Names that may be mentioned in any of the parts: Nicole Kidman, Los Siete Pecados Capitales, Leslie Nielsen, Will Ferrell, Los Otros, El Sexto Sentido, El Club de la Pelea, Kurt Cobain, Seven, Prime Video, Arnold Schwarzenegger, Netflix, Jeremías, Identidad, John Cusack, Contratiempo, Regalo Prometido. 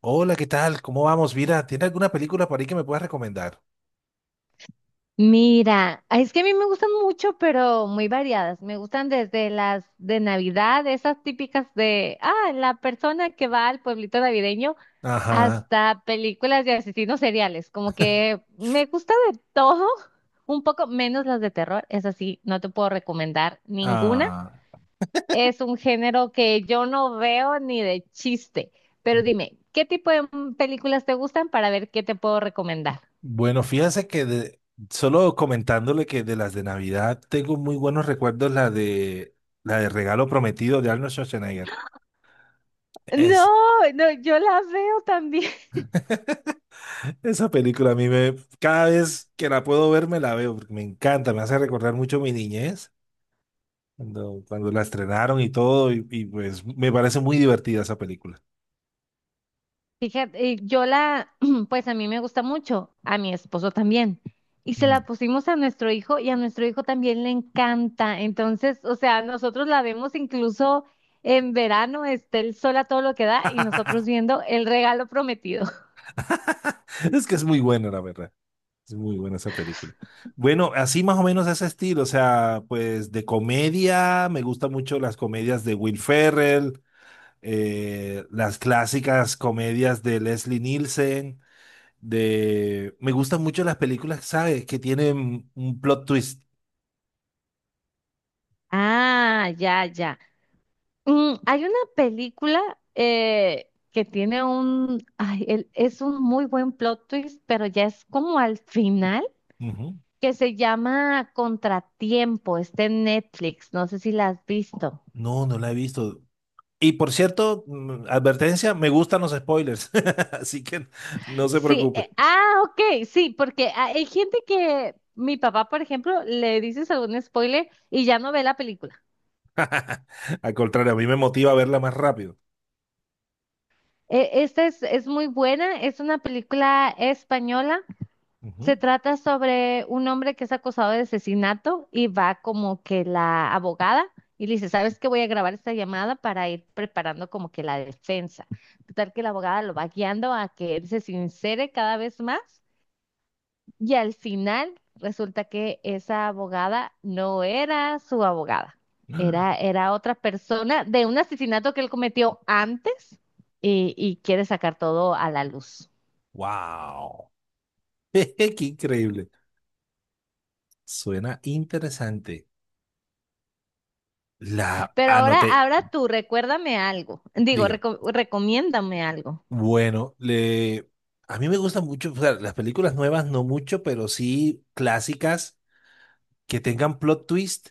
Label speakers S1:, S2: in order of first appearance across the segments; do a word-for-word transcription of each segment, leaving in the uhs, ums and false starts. S1: Hola, ¿qué tal? ¿Cómo vamos? Mira, ¿tiene alguna película por ahí que me puedas recomendar?
S2: Mira, ay, es que a mí me gustan mucho, pero muy variadas. Me gustan desde las de Navidad, esas típicas de, ah, la persona que va al pueblito navideño,
S1: Ajá.
S2: hasta películas de asesinos seriales. Como que me gusta de todo, un poco menos las de terror. Es así, no te puedo recomendar ninguna.
S1: Ah,
S2: Es un género que yo no veo ni de chiste. Pero dime, ¿qué tipo de mm, películas te gustan para ver qué te puedo recomendar?
S1: bueno, fíjense que de- solo comentándole que de las de Navidad tengo muy buenos recuerdos la de la de Regalo Prometido de Arnold Schwarzenegger. Es,
S2: No, no, yo las veo también.
S1: esa película a mí me, cada vez que la puedo ver me la veo porque me encanta, me hace recordar mucho mi niñez cuando, cuando la estrenaron y todo y, y pues me parece muy divertida esa película.
S2: Fíjate, eh, yo la, pues a mí me gusta mucho, a mi esposo también. Y se
S1: Mm.
S2: la pusimos a nuestro hijo y a nuestro hijo también le encanta. Entonces, o sea, nosotros la vemos incluso en verano, está el sol a todo lo que da y nosotros viendo el regalo prometido.
S1: Es que es muy buena, la verdad. Es muy buena esa película. Bueno, así más o menos ese estilo, o sea, pues de comedia, me gustan mucho las comedias de Will Ferrell, eh, las clásicas comedias de Leslie Nielsen, de... Me gustan mucho las películas, ¿sabes? Que tienen un plot twist.
S2: Ah, ya, ya. Mm, hay una película eh, que tiene un, ay, el- es un muy buen plot twist, pero ya es como al final,
S1: Ujú.
S2: que se llama Contratiempo. Está en Netflix, no sé si la has visto.
S1: No, no la he visto. Y por cierto, mm, advertencia, me gustan los spoilers, así que no se
S2: Sí,
S1: preocupe.
S2: eh, ah, ok, sí, porque ah, hay gente que, mi papá, por ejemplo, le dices algún spoiler y ya no ve la película.
S1: Al contrario, a mí me motiva a verla más rápido.
S2: Eh, esta es, es muy buena, es una película española. Se
S1: Ujú.
S2: trata sobre un hombre que es acusado de asesinato y va como que la abogada y le dice, ¿sabes qué? Voy a grabar esta llamada para ir preparando como que la defensa. Total que la abogada lo va guiando a que él se sincere cada vez más y al final resulta que esa abogada no era su abogada, era, era otra persona de un asesinato que él cometió antes y, y quiere sacar todo a la luz.
S1: Wow. Qué increíble. Suena interesante. La
S2: Pero ahora,
S1: anoté.
S2: ahora tú, recuérdame algo. Digo,
S1: Diga,
S2: reco- recomiéndame algo.
S1: bueno, le... A mí me gustan mucho, o sea, las películas nuevas no mucho, pero sí clásicas que tengan plot twist.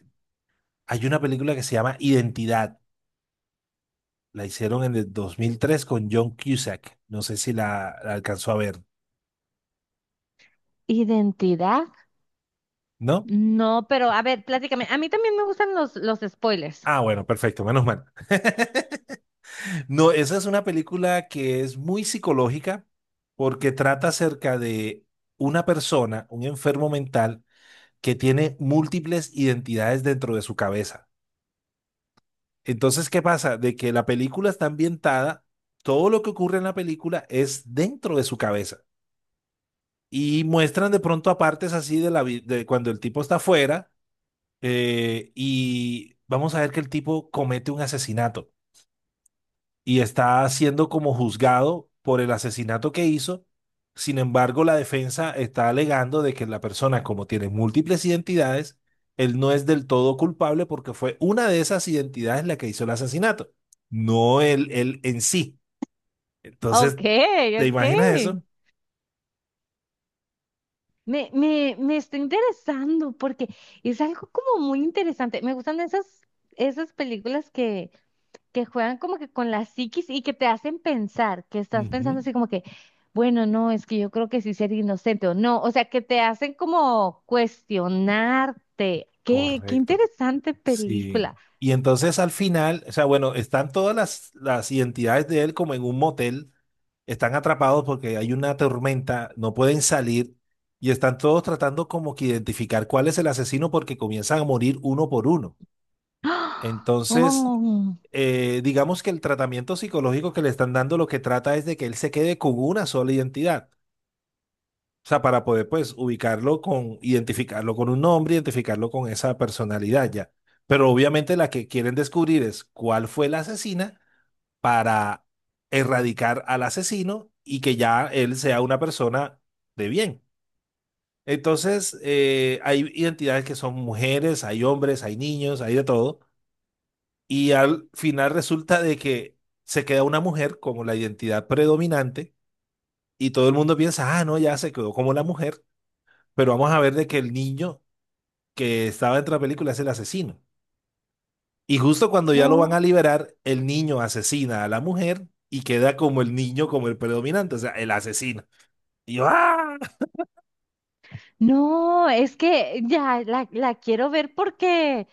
S1: Hay una película que se llama Identidad. La hicieron en el dos mil tres con John Cusack. No sé si la, la alcanzó a ver,
S2: ¿Identidad?
S1: ¿no?
S2: No, pero a ver, pláticame. A mí también me gustan los, los spoilers.
S1: Ah, bueno, perfecto, menos mal. No, esa es una película que es muy psicológica porque trata acerca de una persona, un enfermo mental, que tiene múltiples identidades dentro de su cabeza. Entonces, ¿qué pasa? De que la película está ambientada, todo lo que ocurre en la película es dentro de su cabeza. Y muestran de pronto a partes así de la vi- de cuando el tipo está afuera eh, y vamos a ver que el tipo comete un asesinato y está siendo como juzgado por el asesinato que hizo. Sin embargo, la defensa está alegando de que la persona, como tiene múltiples identidades, él no es del todo culpable porque fue una de esas identidades la que hizo el asesinato, no él, él en sí. Entonces,
S2: Ok,
S1: ¿te imaginas
S2: ok.
S1: eso?
S2: Me, me, me está interesando porque es algo como muy interesante. Me gustan esas, esas películas que, que juegan como que con la psiquis y que te hacen pensar, que estás pensando
S1: Ujú.
S2: así como que, bueno, no, es que yo creo que sí ser inocente o no, o sea, que te hacen como cuestionarte. Qué, qué
S1: Correcto.
S2: interesante
S1: Sí.
S2: película.
S1: Y entonces al final, o sea, bueno, están todas las, las identidades de él como en un motel, están atrapados porque hay una tormenta, no pueden salir y están todos tratando como que identificar cuál es el asesino porque comienzan a morir uno por uno.
S2: ¡Ah!
S1: Entonces,
S2: Oh,
S1: eh, digamos que el tratamiento psicológico que le están dando lo que trata es de que él se quede con una sola identidad. O sea, para poder pues ubicarlo con, identificarlo con un nombre, identificarlo con esa personalidad ya. Pero obviamente la que quieren descubrir es cuál fue la asesina para erradicar al asesino y que ya él sea una persona de bien. Entonces, eh, hay identidades que son mujeres, hay hombres, hay niños, hay de todo. Y al final resulta de que se queda una mujer como la identidad predominante y todo el mundo piensa, ah, no, ya se quedó como la mujer. Pero vamos a ver de que el niño que estaba dentro de la película es el asesino. Y justo cuando ya lo van a
S2: oh.
S1: liberar, el niño asesina a la mujer y queda como el niño, como el predominante, o sea, el asesino. Y yo, ¡ah!
S2: No, es que ya la, la quiero ver porque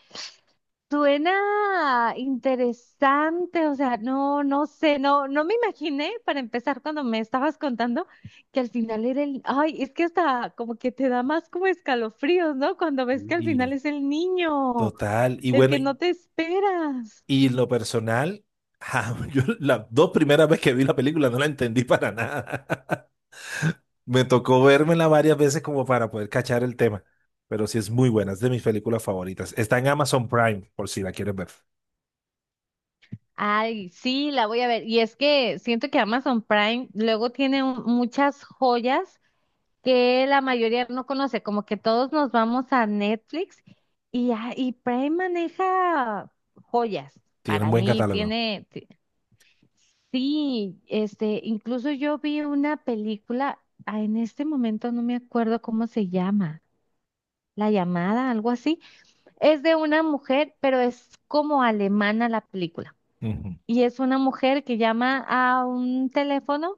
S2: suena interesante. O sea, no, no sé, no, no me imaginé para empezar cuando me estabas contando que al final era el, ay, es que hasta como que te da más como escalofríos, ¿no? Cuando ves que al
S1: Y
S2: final es el niño,
S1: total. Y
S2: el
S1: bueno,
S2: que no
S1: y,
S2: te esperas.
S1: y lo personal, yo las dos primeras veces que vi la película no la entendí para nada. Me tocó vérmela varias veces como para poder cachar el tema. Pero sí es muy buena, es de mis películas favoritas. Está en Amazon Prime, por si la quieres ver.
S2: Ay, sí, la voy a ver. Y es que siento que Amazon Prime luego tiene un- muchas joyas que la mayoría no conoce, como que todos nos vamos a Netflix y, a- y Prime maneja joyas.
S1: Tiene un
S2: Para
S1: buen
S2: mí
S1: catálogo.
S2: tiene, ti- sí, este, incluso yo vi una película, ah, en este momento no me acuerdo cómo se llama, La llamada, algo así. Es de una mujer, pero es como alemana la película.
S1: Ujú.
S2: Y es una mujer que llama a un teléfono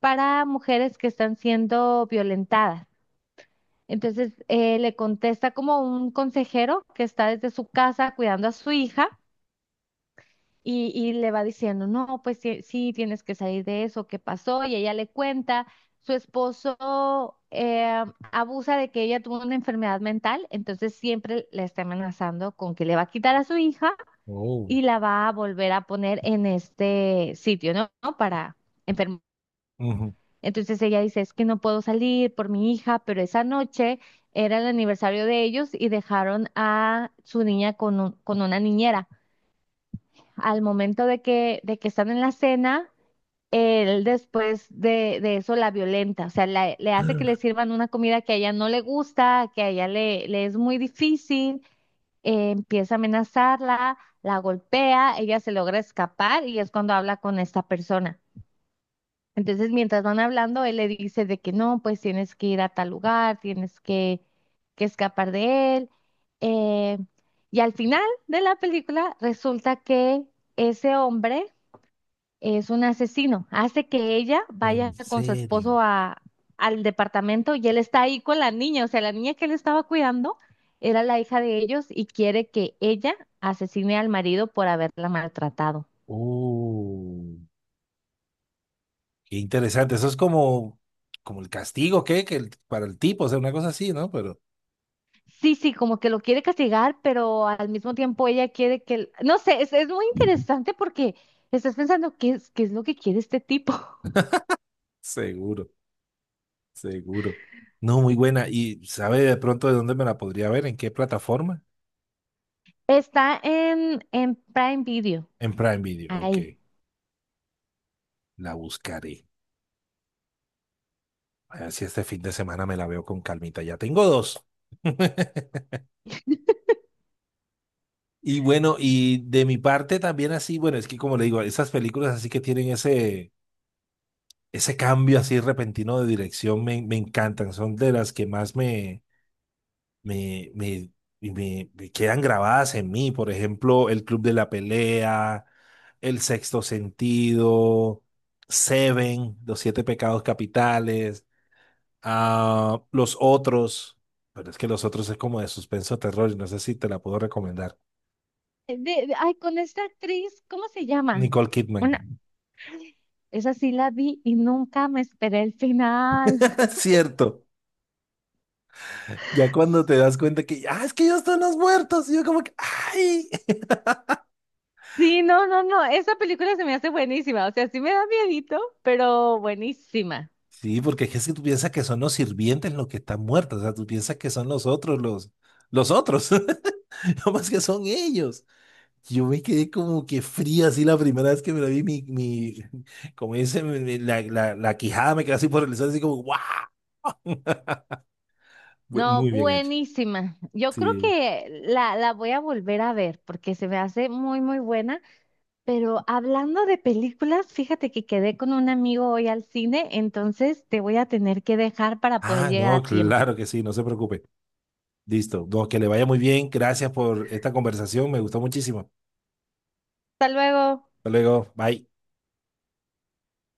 S2: para mujeres que están siendo violentadas. Entonces eh, le contesta como un consejero que está desde su casa cuidando a su hija y, y le va diciendo, no, pues sí, sí, tienes que salir de eso, ¿qué pasó? Y ella le cuenta, su esposo eh, abusa de que ella tuvo una enfermedad mental, entonces siempre la está amenazando con que le va a quitar a su hija
S1: Oh,
S2: y la va a volver a poner en este sitio, ¿no? ¿No? Para enfermar.
S1: ujú.
S2: Entonces ella dice, es que no puedo salir por mi hija, pero esa noche era el aniversario de ellos y dejaron a su niña con, un- con una niñera. Al momento de que, de que están en la cena, él después de, de eso la violenta, o sea, la- le hace que le sirvan una comida que a ella no le gusta, que a ella le, le es muy difícil, eh, empieza a amenazarla, la golpea, ella se logra escapar y es cuando habla con esta persona. Entonces, mientras van hablando, él le dice de que no, pues tienes que ir a tal lugar, tienes que, que escapar de él. eh, y al final de la película resulta que ese hombre es un asesino. Hace que ella vaya
S1: En
S2: con su
S1: serio.
S2: esposo a, al departamento y él está ahí con la niña. O sea, la niña que él estaba cuidando era la hija de ellos y quiere que ella asesine al marido por haberla maltratado.
S1: Oh, qué interesante. Eso es como, como el castigo, ¿qué? Que el- para el tipo, o sea, una cosa así, ¿no? Pero
S2: Sí, sí, como que lo quiere castigar, pero al mismo tiempo ella quiere que... el, no sé, es, es muy
S1: ujú.
S2: interesante porque estás pensando qué es, qué es lo que quiere este tipo.
S1: Seguro, seguro. No, muy buena. ¿Y sabe de pronto de dónde me la podría ver? ¿En qué plataforma?
S2: Está en, en Prime Video,
S1: En Prime Video. Ok,
S2: ahí.
S1: la buscaré. A ver si este fin de semana me la veo con calmita. Ya tengo dos. Y bueno, y de mi parte también así, bueno, es que como le digo, esas películas así que tienen ese ese cambio así repentino de dirección me, me encantan, son de las que más me, me, me, me- me quedan grabadas en mí. Por ejemplo, El Club de la Pelea, El Sexto Sentido, Seven, Los Siete Pecados Capitales, ah, Los Otros, pero es que Los Otros es como de suspenso terror y no sé si te la puedo recomendar.
S2: Eh, De- de- ay, con esta actriz, ¿cómo se llama?
S1: Nicole Kidman.
S2: Una, esa sí la vi y nunca me esperé el final.
S1: Es cierto. Ya cuando te das cuenta que, ah, es que ellos están los muertos, y yo como que, ay.
S2: Sí, no, no, no, esa película se me hace buenísima, o sea, sí me da miedito, pero buenísima.
S1: Sí, porque es que si tú piensas que son los sirvientes los que están muertos, o sea, tú piensas que son los otros, los, los otros, no más que son ellos. Yo me quedé como que fría así la primera vez que me la vi, mi, mi, como dice, mi- mi- la, la, la quijada me quedó así por el sol, así como, ¡guau! Bu-
S2: No,
S1: Muy bien hecho.
S2: buenísima. Yo creo
S1: Sí.
S2: que la, la voy a volver a ver porque se me hace muy, muy buena. Pero hablando de películas, fíjate que quedé con un amigo hoy al cine, entonces te voy a tener que dejar para poder
S1: Ah,
S2: llegar
S1: no,
S2: a tiempo.
S1: claro que sí, no se preocupe. Listo, no, que le vaya muy bien, gracias por esta conversación, me gustó muchísimo.
S2: Hasta luego.
S1: Hasta luego, bye.